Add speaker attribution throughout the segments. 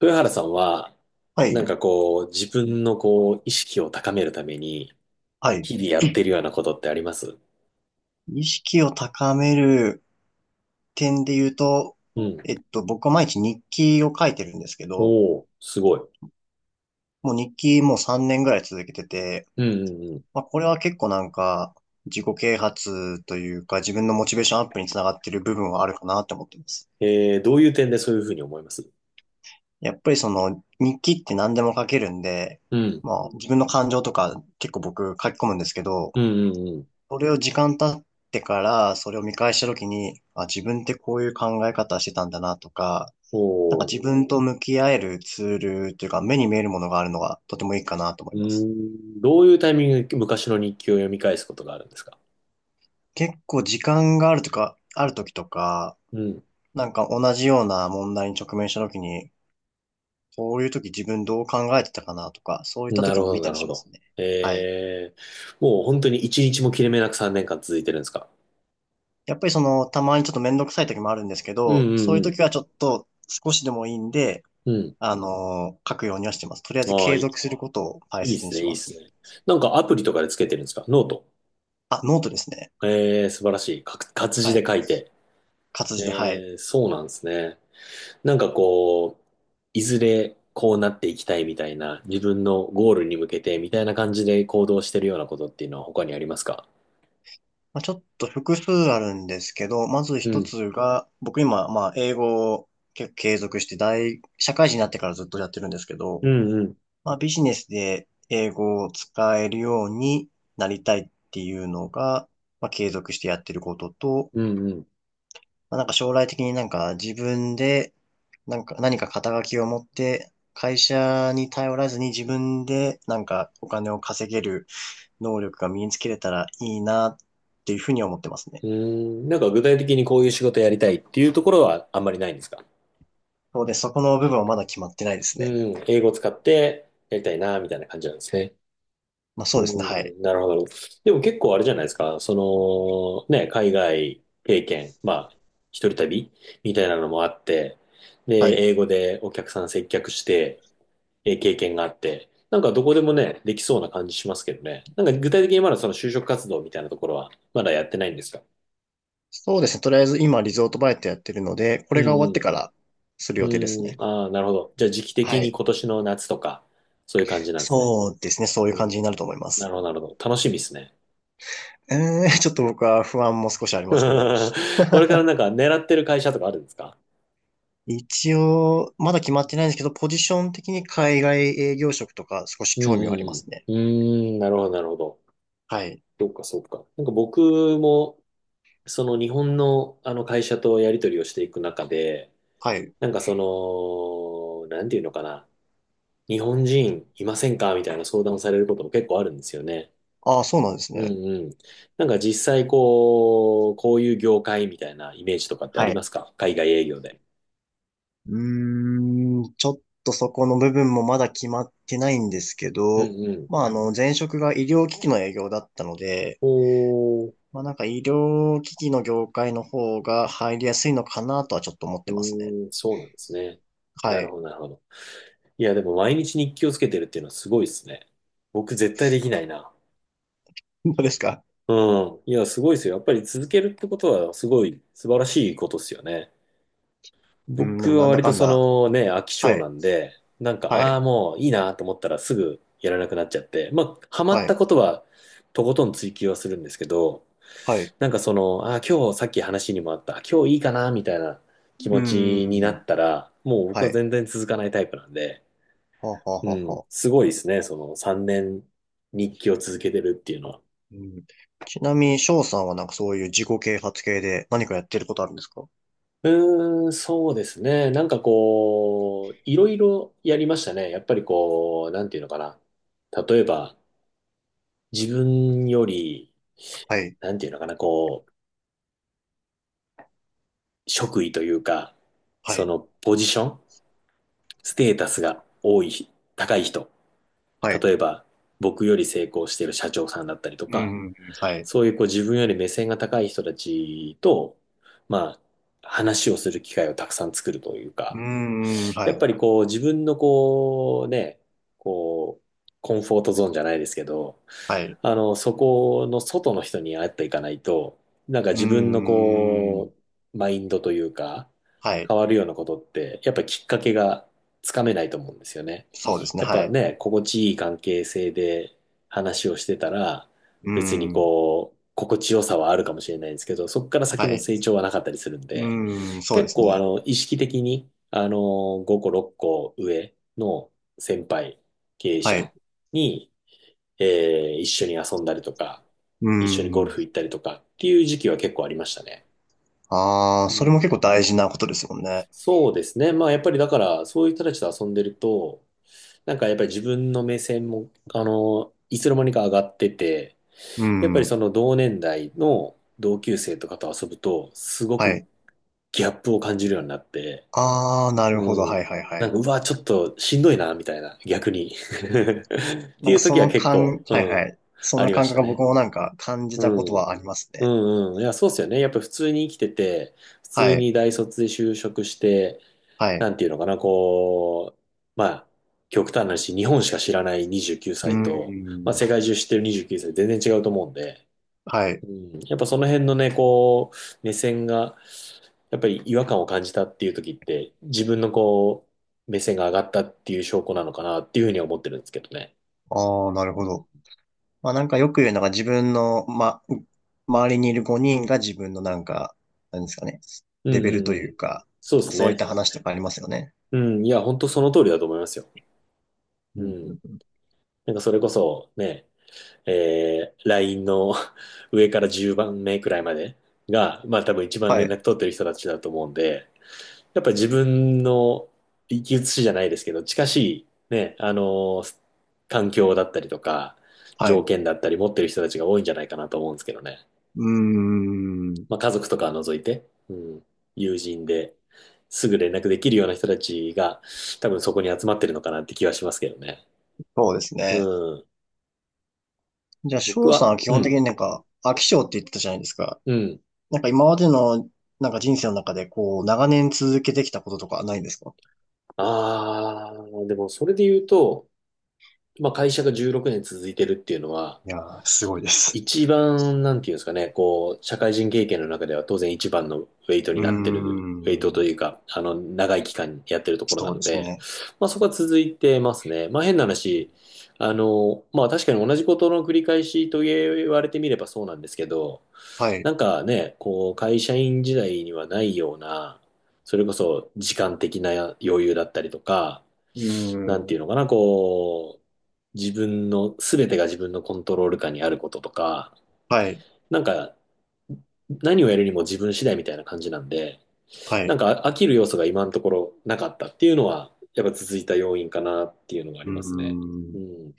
Speaker 1: 豊原さんは、
Speaker 2: は
Speaker 1: なん
Speaker 2: い。
Speaker 1: かこう、自分のこう、意識を高めるために、
Speaker 2: はい。
Speaker 1: 日々やってるようなことってあります？
Speaker 2: 意識を高める点で言うと、
Speaker 1: うん。
Speaker 2: 僕は毎日日記を書いてるんですけど、
Speaker 1: おお、すごい。
Speaker 2: もう日記もう3年ぐらい続けてて、
Speaker 1: うんうんうん。
Speaker 2: まあ、これは結構なんか、自己啓発というか、自分のモチベーションアップにつながってる部分はあるかなって思ってます。
Speaker 1: どういう点でそういうふうに思います？
Speaker 2: やっぱりその、日記って何でも書けるんで、
Speaker 1: うん。
Speaker 2: まあ、自分の感情とか結構僕書き込むんですけど、
Speaker 1: うんうんうん。
Speaker 2: それを時間経ってから、それを見返した時に、あ、自分ってこういう考え方してたんだなとか、
Speaker 1: お
Speaker 2: なんか
Speaker 1: お、
Speaker 2: 自分と向き合えるツールというか、目に見えるものがあるのがとてもいいかなと思
Speaker 1: う
Speaker 2: い
Speaker 1: ー
Speaker 2: ます。
Speaker 1: ん。どういうタイミングで昔の日記を読み返すことがあるんですか？
Speaker 2: 結構時間があるとか、ある時とか、
Speaker 1: うん。
Speaker 2: なんか同じような問題に直面した時に、こういう時自分どう考えてたかなとか、そういった
Speaker 1: な
Speaker 2: 時
Speaker 1: る
Speaker 2: に
Speaker 1: ほ
Speaker 2: 見
Speaker 1: ど、
Speaker 2: た
Speaker 1: な
Speaker 2: り
Speaker 1: るほ
Speaker 2: しま
Speaker 1: ど。
Speaker 2: すね。はい。
Speaker 1: もう本当に一日も切れ目なく3年間続いてるんですか？
Speaker 2: やっぱりその、たまにちょっとめんどくさい時もあるんですけ
Speaker 1: う
Speaker 2: ど、
Speaker 1: ん
Speaker 2: そうい
Speaker 1: う
Speaker 2: う
Speaker 1: ん
Speaker 2: 時はちょっと少しでもいいんで、
Speaker 1: うん。うん。
Speaker 2: 書くようにはしてます。とりあえず
Speaker 1: あ
Speaker 2: 継続
Speaker 1: あ、
Speaker 2: することを大
Speaker 1: いいっ
Speaker 2: 切に
Speaker 1: す
Speaker 2: し
Speaker 1: ね、いい
Speaker 2: ま
Speaker 1: っすね。
Speaker 2: す。
Speaker 1: なんかアプリとかでつけてるんですか？ノート。
Speaker 2: あ、ノートですね。
Speaker 1: 素晴らしい。か活字
Speaker 2: は
Speaker 1: で
Speaker 2: い。
Speaker 1: 書いて。
Speaker 2: 活字で、はい。
Speaker 1: そうなんですね。なんかこう、いずれこうなっていきたいみたいな、自分のゴールに向けてみたいな感じで行動してるようなことっていうのは他にありますか？
Speaker 2: まあ、ちょっと複数あるんですけど、まず
Speaker 1: う
Speaker 2: 一
Speaker 1: ん。
Speaker 2: つが、僕今、まあ、英語を結構継続して社会人になってからずっとやってるんですけ
Speaker 1: う
Speaker 2: ど、
Speaker 1: んうん。
Speaker 2: まあ、ビジネスで英語を使えるようになりたいっていうのが、まあ、継続してやってることと、
Speaker 1: うんうん。
Speaker 2: まあ、なんか将来的になんか自分で、なんか何か肩書きを持って、会社に頼らずに自分でなんかお金を稼げる能力が身につけれたらいいなっていうふうに思ってますね。
Speaker 1: うーん、なんか具体的にこういう仕事やりたいっていうところはあんまりないんですか？
Speaker 2: そうです。そこの部分はまだ決まってないです
Speaker 1: う
Speaker 2: ね。
Speaker 1: ん、英語使ってやりたいな、みたいな感じなんですね。
Speaker 2: まあそ
Speaker 1: う
Speaker 2: うですね。はい。
Speaker 1: ん、なるほど。なるほど。でも結構あれじゃないですか。その、ね、海外経験、まあ、一人旅みたいなのもあって、で、
Speaker 2: はい。
Speaker 1: 英語でお客さん接客して、経験があって、なんかどこでもね、できそうな感じしますけどね。なんか具体的にまだその就職活動みたいなところは、まだやってないんですか？
Speaker 2: そうですね。とりあえず今リゾートバイトやってるので、こ
Speaker 1: う
Speaker 2: れが終わって
Speaker 1: ん
Speaker 2: からする
Speaker 1: う
Speaker 2: 予定です
Speaker 1: ん。う
Speaker 2: ね。
Speaker 1: ん、ああ、なるほど。じゃあ時期
Speaker 2: は
Speaker 1: 的に
Speaker 2: い。
Speaker 1: 今年の夏とか、そういう感じなんですね。
Speaker 2: そうですね。そういう
Speaker 1: う
Speaker 2: 感じ
Speaker 1: ん。
Speaker 2: になると思いま
Speaker 1: な
Speaker 2: す。
Speaker 1: るほど、なるほど。楽しみですね。
Speaker 2: えちょっと僕は不安も少しあり ますけど。
Speaker 1: こ れからなんか狙ってる会社とかあるんですか？
Speaker 2: 一応、まだ決まってないんですけど、ポジション的に海外営業職とか少し
Speaker 1: う
Speaker 2: 興
Speaker 1: ん
Speaker 2: 味はありま
Speaker 1: うん
Speaker 2: すね。
Speaker 1: うん。うーん、なるほど、なるほど。
Speaker 2: はい。
Speaker 1: そっか、そっか。なんか僕も、その日本のあの会社とやり取りをしていく中で、
Speaker 2: はい。
Speaker 1: なんかその、なんていうのかな。日本人いませんかみたいな相談をされることも結構あるんですよね。
Speaker 2: ああ、そうなんです
Speaker 1: う
Speaker 2: ね。
Speaker 1: んうん。なんか実際こう、こういう業界みたいなイメージとかってあ
Speaker 2: は
Speaker 1: りま
Speaker 2: い。
Speaker 1: すか、海外営業で？
Speaker 2: うーん、ちょっとそこの部分もまだ決まってないんですけ
Speaker 1: う
Speaker 2: ど、
Speaker 1: んうん。
Speaker 2: まあ、前職が医療機器の営業だったので、
Speaker 1: おー、
Speaker 2: まあ、なんか医療機器の業界の方が入りやすいのかなとはちょっと思っ
Speaker 1: う
Speaker 2: てますね。
Speaker 1: ーん、そうなんですね。な
Speaker 2: は
Speaker 1: るほ
Speaker 2: い。
Speaker 1: ど、なるほど。いや、でも毎日日記をつけてるっていうのはすごいですね。僕絶対できないな。
Speaker 2: どうですか？
Speaker 1: うん。いや、すごいですよ。やっぱり続けるってことはすごい素晴らしいことですよね。
Speaker 2: うん、でも
Speaker 1: 僕は
Speaker 2: なんだ
Speaker 1: 割と
Speaker 2: かん
Speaker 1: そ
Speaker 2: だ。
Speaker 1: のね、飽き
Speaker 2: は
Speaker 1: 性な
Speaker 2: い。
Speaker 1: んで、なんか、
Speaker 2: は
Speaker 1: あ
Speaker 2: い。
Speaker 1: あ、もういいなと思ったらすぐやらなくなっちゃって、まあ、ハマっ
Speaker 2: は
Speaker 1: た
Speaker 2: い。
Speaker 1: ことはとことん追求はするんですけど、
Speaker 2: はい。う
Speaker 1: なんかその、ああ、今日さっき話にもあった、今日いいかなみたいな気
Speaker 2: ー
Speaker 1: 持ちにな
Speaker 2: ん。
Speaker 1: ったら、もう僕
Speaker 2: は
Speaker 1: は
Speaker 2: い。
Speaker 1: 全然続かないタイプなんで、
Speaker 2: はあはあ
Speaker 1: う
Speaker 2: はあ
Speaker 1: ん、
Speaker 2: はあ。
Speaker 1: すごいですね。その3年日記を続けてるっていうのは。
Speaker 2: うん、ちなみに、翔さんはなんかそういう自己啓発系で何かやってることあるんですか？
Speaker 1: うーん、そうですね。なんかこう、いろいろやりましたね。やっぱりこう、なんていうのかな。例えば、自分より、
Speaker 2: はい。
Speaker 1: なんていうのかな、こう、職位というか、
Speaker 2: は
Speaker 1: そ
Speaker 2: い。
Speaker 1: のポジション、ステータスが多い、高い人。
Speaker 2: はい。
Speaker 1: 例えば、僕より成功してる社長さんだったりと
Speaker 2: う
Speaker 1: か、
Speaker 2: ん。はい。
Speaker 1: そういうこう自分より目線が高い人たちと、まあ、話をする機会をたくさん作るという
Speaker 2: う
Speaker 1: か、
Speaker 2: ーん、は
Speaker 1: やっ
Speaker 2: い、
Speaker 1: ぱりこう、自分のこう、ね、こう、コンフォートゾーンじゃないですけど、
Speaker 2: はい。
Speaker 1: あの、そこの外の人に会っていかないと、なんか
Speaker 2: う
Speaker 1: 自分の
Speaker 2: ーん、
Speaker 1: こう、マインドというか、
Speaker 2: はい。
Speaker 1: 変わるようなことって、やっぱりきっかけがつかめないと思うんですよね。
Speaker 2: そうですね、
Speaker 1: やっ
Speaker 2: は
Speaker 1: ぱ
Speaker 2: い。
Speaker 1: ね、心地いい関係性で話をしてたら、
Speaker 2: うー
Speaker 1: 別に
Speaker 2: ん、
Speaker 1: こう、心地よさはあるかもしれないんですけど、そこから先
Speaker 2: は
Speaker 1: の
Speaker 2: い。
Speaker 1: 成長はなかったりするん
Speaker 2: う
Speaker 1: で、
Speaker 2: ーん、そうで
Speaker 1: 結
Speaker 2: す
Speaker 1: 構あ
Speaker 2: ね。
Speaker 1: の、意識的に、あの、5個、6個上の先輩、経営
Speaker 2: は
Speaker 1: 者
Speaker 2: い。
Speaker 1: に、え一緒に遊んだりとか、
Speaker 2: うー
Speaker 1: 一緒にゴルフ行
Speaker 2: ん。
Speaker 1: ったりとかっていう時期は結構ありましたね。
Speaker 2: ああ、
Speaker 1: う
Speaker 2: それも結
Speaker 1: ん。
Speaker 2: 構大事なことですもんね。
Speaker 1: そうですね。まあやっぱりだから、そういう人たちと遊んでると、なんかやっぱり自分の目線も、あの、いつの間にか上がってて、
Speaker 2: うー
Speaker 1: やっぱり
Speaker 2: ん、
Speaker 1: その同年代の同級生とかと遊ぶと、すご
Speaker 2: は
Speaker 1: く
Speaker 2: い。
Speaker 1: ギャップを感じるようになって、
Speaker 2: ああ、なるほど、
Speaker 1: う
Speaker 2: はい、
Speaker 1: ん。
Speaker 2: はい、は
Speaker 1: なん
Speaker 2: い。
Speaker 1: か、うわ、ちょっとしんどいな、みたいな、逆に。って
Speaker 2: なん
Speaker 1: いう
Speaker 2: かそ
Speaker 1: 時は
Speaker 2: の
Speaker 1: 結構、
Speaker 2: 感、
Speaker 1: う
Speaker 2: はい、は
Speaker 1: ん、
Speaker 2: い。そん
Speaker 1: あ
Speaker 2: な
Speaker 1: りま
Speaker 2: 感
Speaker 1: し
Speaker 2: 覚
Speaker 1: た
Speaker 2: が僕
Speaker 1: ね。
Speaker 2: もなんか感じ
Speaker 1: う
Speaker 2: たこと
Speaker 1: ん。
Speaker 2: はあります
Speaker 1: う
Speaker 2: ね。
Speaker 1: んうん。いや、そうっすよね。やっぱ普通に生きてて、普通
Speaker 2: はい、
Speaker 1: に大卒で就職して、
Speaker 2: はい。
Speaker 1: なんていうのかな、こう、まあ、極端な話、日本しか知らない29
Speaker 2: うー
Speaker 1: 歳と、まあ、世
Speaker 2: ん、
Speaker 1: 界中知ってる29歳、全然違うと思うんで、
Speaker 2: はい。
Speaker 1: うん、やっぱその辺のね、こう、目線が、やっぱり違和感を感じたっていう時って、自分のこう、目線が上がったっていう証拠なのかなっていうふうには思ってるんですけどね。
Speaker 2: ああ、なる
Speaker 1: う
Speaker 2: ほ
Speaker 1: ん、
Speaker 2: ど。まあなんかよく言うのが自分の、ま、周りにいる5人が自分のなんか、なんですかね、
Speaker 1: うん
Speaker 2: レベル
Speaker 1: うん
Speaker 2: と
Speaker 1: う
Speaker 2: い
Speaker 1: ん。
Speaker 2: うか、
Speaker 1: そうです
Speaker 2: そういっ
Speaker 1: ね。
Speaker 2: た話とかありますよね。
Speaker 1: うん。いや、本当その通りだと思いますよ。
Speaker 2: う
Speaker 1: う
Speaker 2: んう
Speaker 1: ん。
Speaker 2: んうん
Speaker 1: なんかそれこそ、ね、LINE の 上から10番目くらいまでが、まあ多分一番
Speaker 2: は
Speaker 1: 連
Speaker 2: い、
Speaker 1: 絡取ってる人たちだと思うんで、やっぱり自分の生き写しじゃないですけど、近しいね、あの、環境だったりとか、
Speaker 2: は
Speaker 1: 条
Speaker 2: い。
Speaker 1: 件だったり持ってる人たちが多いんじゃないかなと思うんですけどね。
Speaker 2: うーん。
Speaker 1: まあ家族とかは除いて、うん、友人ですぐ連絡できるような人たちが多分そこに集まってるのかなって気はしますけどね。
Speaker 2: そうです
Speaker 1: う
Speaker 2: ね。
Speaker 1: ん。
Speaker 2: じゃあ、
Speaker 1: 僕
Speaker 2: 翔さん
Speaker 1: は、
Speaker 2: は基
Speaker 1: う
Speaker 2: 本的
Speaker 1: ん、
Speaker 2: になんか、飽き性って言ってたじゃないですか。
Speaker 1: うん。
Speaker 2: なんか今までの、なんか人生の中で、こう、長年続けてきたこととかないんですか？
Speaker 1: ああ、でもそれで言うと、まあ会社が16年続いてるっていうのは、
Speaker 2: いやー、すごいです。
Speaker 1: 一番、なんていうんですかね、こう、社会人経験の中では当然一番のウェイトに
Speaker 2: うー
Speaker 1: なってる、ウェイトと
Speaker 2: ん。
Speaker 1: いうか、あの、長い期間やってるところな
Speaker 2: そう
Speaker 1: の
Speaker 2: です
Speaker 1: で、
Speaker 2: ね。
Speaker 1: まあそこは続いてますね。まあ変な
Speaker 2: うん
Speaker 1: 話、あの、まあ確かに同じことの繰り返しと言われてみればそうなんですけど、
Speaker 2: はい。
Speaker 1: なんかね、こう、会社員時代にはないような、それこそ時間的な余裕だったりとか、
Speaker 2: うー
Speaker 1: なんてい
Speaker 2: ん。
Speaker 1: うのかな、こう、自分の、すべてが自分のコントロール下にあることとか、
Speaker 2: はい。
Speaker 1: なんか、何をやるにも自分次第みたいな感じなんで、
Speaker 2: は
Speaker 1: なん
Speaker 2: い。
Speaker 1: か飽きる要素が今のところなかったっていうのは、やっぱ続いた要因かなっていうのがあ
Speaker 2: う
Speaker 1: り
Speaker 2: ー
Speaker 1: ますね。う
Speaker 2: ん。
Speaker 1: ん。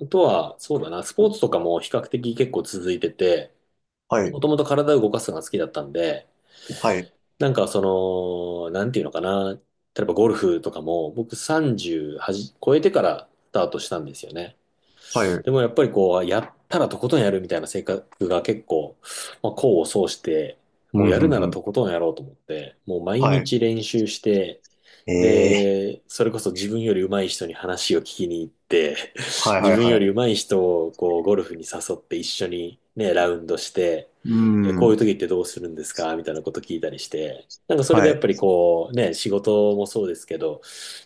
Speaker 1: あとは、そうだな、スポーツとかも比較的結構続いてて、
Speaker 2: はい、
Speaker 1: もともと体を動かすのが好きだったんで、
Speaker 2: はい、
Speaker 1: なんかその、なんていうのかな、例えばゴルフとかも僕30はじ超えてからスタートしたんですよね。
Speaker 2: はい、う
Speaker 1: でもやっぱりこう、やったらとことんやるみたいな性格が結構、まあ、功を奏して、もう
Speaker 2: ん、うん、
Speaker 1: やるなら
Speaker 2: うん、
Speaker 1: とことんやろうと思って、もう毎
Speaker 2: はい。
Speaker 1: 日練習して、
Speaker 2: ええ
Speaker 1: で、それこそ自分より上手い人に話を聞きに行って、
Speaker 2: ーは い、
Speaker 1: 自
Speaker 2: はい、
Speaker 1: 分よ
Speaker 2: は
Speaker 1: り
Speaker 2: い。
Speaker 1: 上手い人をこうゴルフに誘って一緒にね、ラウンドして、
Speaker 2: う
Speaker 1: え、こういう
Speaker 2: ん、
Speaker 1: 時ってどうするんですかみたいなこと聞いたりして、なんかそれで
Speaker 2: は
Speaker 1: やっ
Speaker 2: い。
Speaker 1: ぱりこうね、仕事もそうですけど、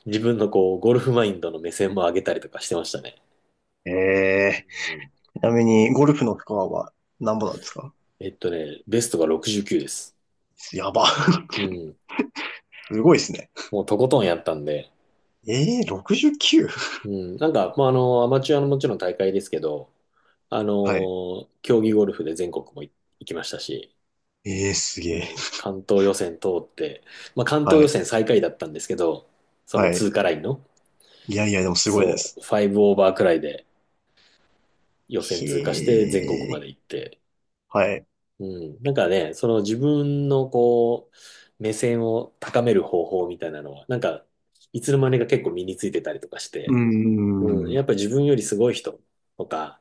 Speaker 1: 自分のこうゴルフマインドの目線も上げたりとかしてましたね。
Speaker 2: え
Speaker 1: う
Speaker 2: え
Speaker 1: ん。
Speaker 2: ーちなみに、ゴルフのスコアは何ぼなんですか？
Speaker 1: ベストが69です。
Speaker 2: やば。
Speaker 1: うん。
Speaker 2: すごいですね。
Speaker 1: もうとことんやったんで。
Speaker 2: ええー、69?
Speaker 1: うん。なんか、まあ、あの、アマチュアのもちろん大会ですけど、あ
Speaker 2: はい。
Speaker 1: の、競技ゴルフで全国もい行きましたし、
Speaker 2: ええーす
Speaker 1: う
Speaker 2: げえ。
Speaker 1: ん。関東予選通って、まあ、関東
Speaker 2: は
Speaker 1: 予
Speaker 2: い、
Speaker 1: 選最下位だったんですけど、その
Speaker 2: はい。
Speaker 1: 通過ラインの、
Speaker 2: いやいや、でもすごいで
Speaker 1: そ
Speaker 2: す。
Speaker 1: う、5オーバーくらいで予選
Speaker 2: へ
Speaker 1: 通過して全国まで
Speaker 2: え、
Speaker 1: 行って、
Speaker 2: はい。
Speaker 1: うん。なんかね、その自分のこう、目線を高める方法みたいなのは、なんか、いつの間にか結構身についてたりとかし
Speaker 2: うー
Speaker 1: て、うん。
Speaker 2: ん、
Speaker 1: やっぱ自分よりすごい人とか、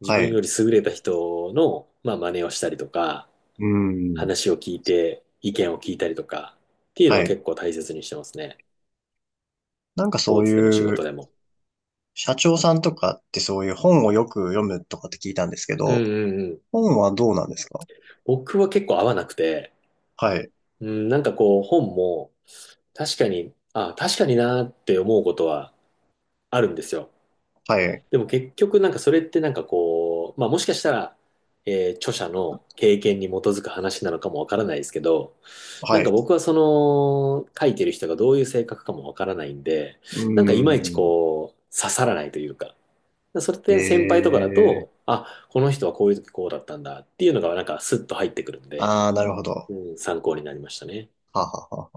Speaker 1: 自
Speaker 2: はい、
Speaker 1: 分よ
Speaker 2: う
Speaker 1: り優れた人の、まあ、真似をしたりとか、
Speaker 2: ーん、
Speaker 1: 話を聞いて、意見を聞いたりとか、っていう
Speaker 2: は
Speaker 1: のは
Speaker 2: い。
Speaker 1: 結構大切にしてますね。
Speaker 2: なんか
Speaker 1: スポー
Speaker 2: そう
Speaker 1: ツでも仕
Speaker 2: い
Speaker 1: 事
Speaker 2: う、
Speaker 1: でも。
Speaker 2: 社長さんとかってそういう本をよく読むとかって聞いたんですけ
Speaker 1: うん
Speaker 2: ど、
Speaker 1: うんうん。
Speaker 2: 本はどうなんですか？
Speaker 1: 僕は結構合わなくて、
Speaker 2: はい、
Speaker 1: うん、なんかこう本も確かに、あ、確かになーって思うことはあるんですよ。
Speaker 2: はい、
Speaker 1: でも結局なんかそれってなんかこう、まあもしかしたら、著者の経験に基づく話なのかもわからないですけど、な
Speaker 2: は
Speaker 1: ん
Speaker 2: い。
Speaker 1: か
Speaker 2: う
Speaker 1: 僕はその書いてる人がどういう性格かもわからないんで、
Speaker 2: ー
Speaker 1: なんかいまいち
Speaker 2: ん。
Speaker 1: こう刺さらないというか、それっ
Speaker 2: え
Speaker 1: て先輩とかだ
Speaker 2: えー。
Speaker 1: と、あ、この人はこういう時こうだったんだっていうのがなんかスッと入ってくるんで、
Speaker 2: ああ、なるほど。
Speaker 1: うん、参考になりましたね。
Speaker 2: ははは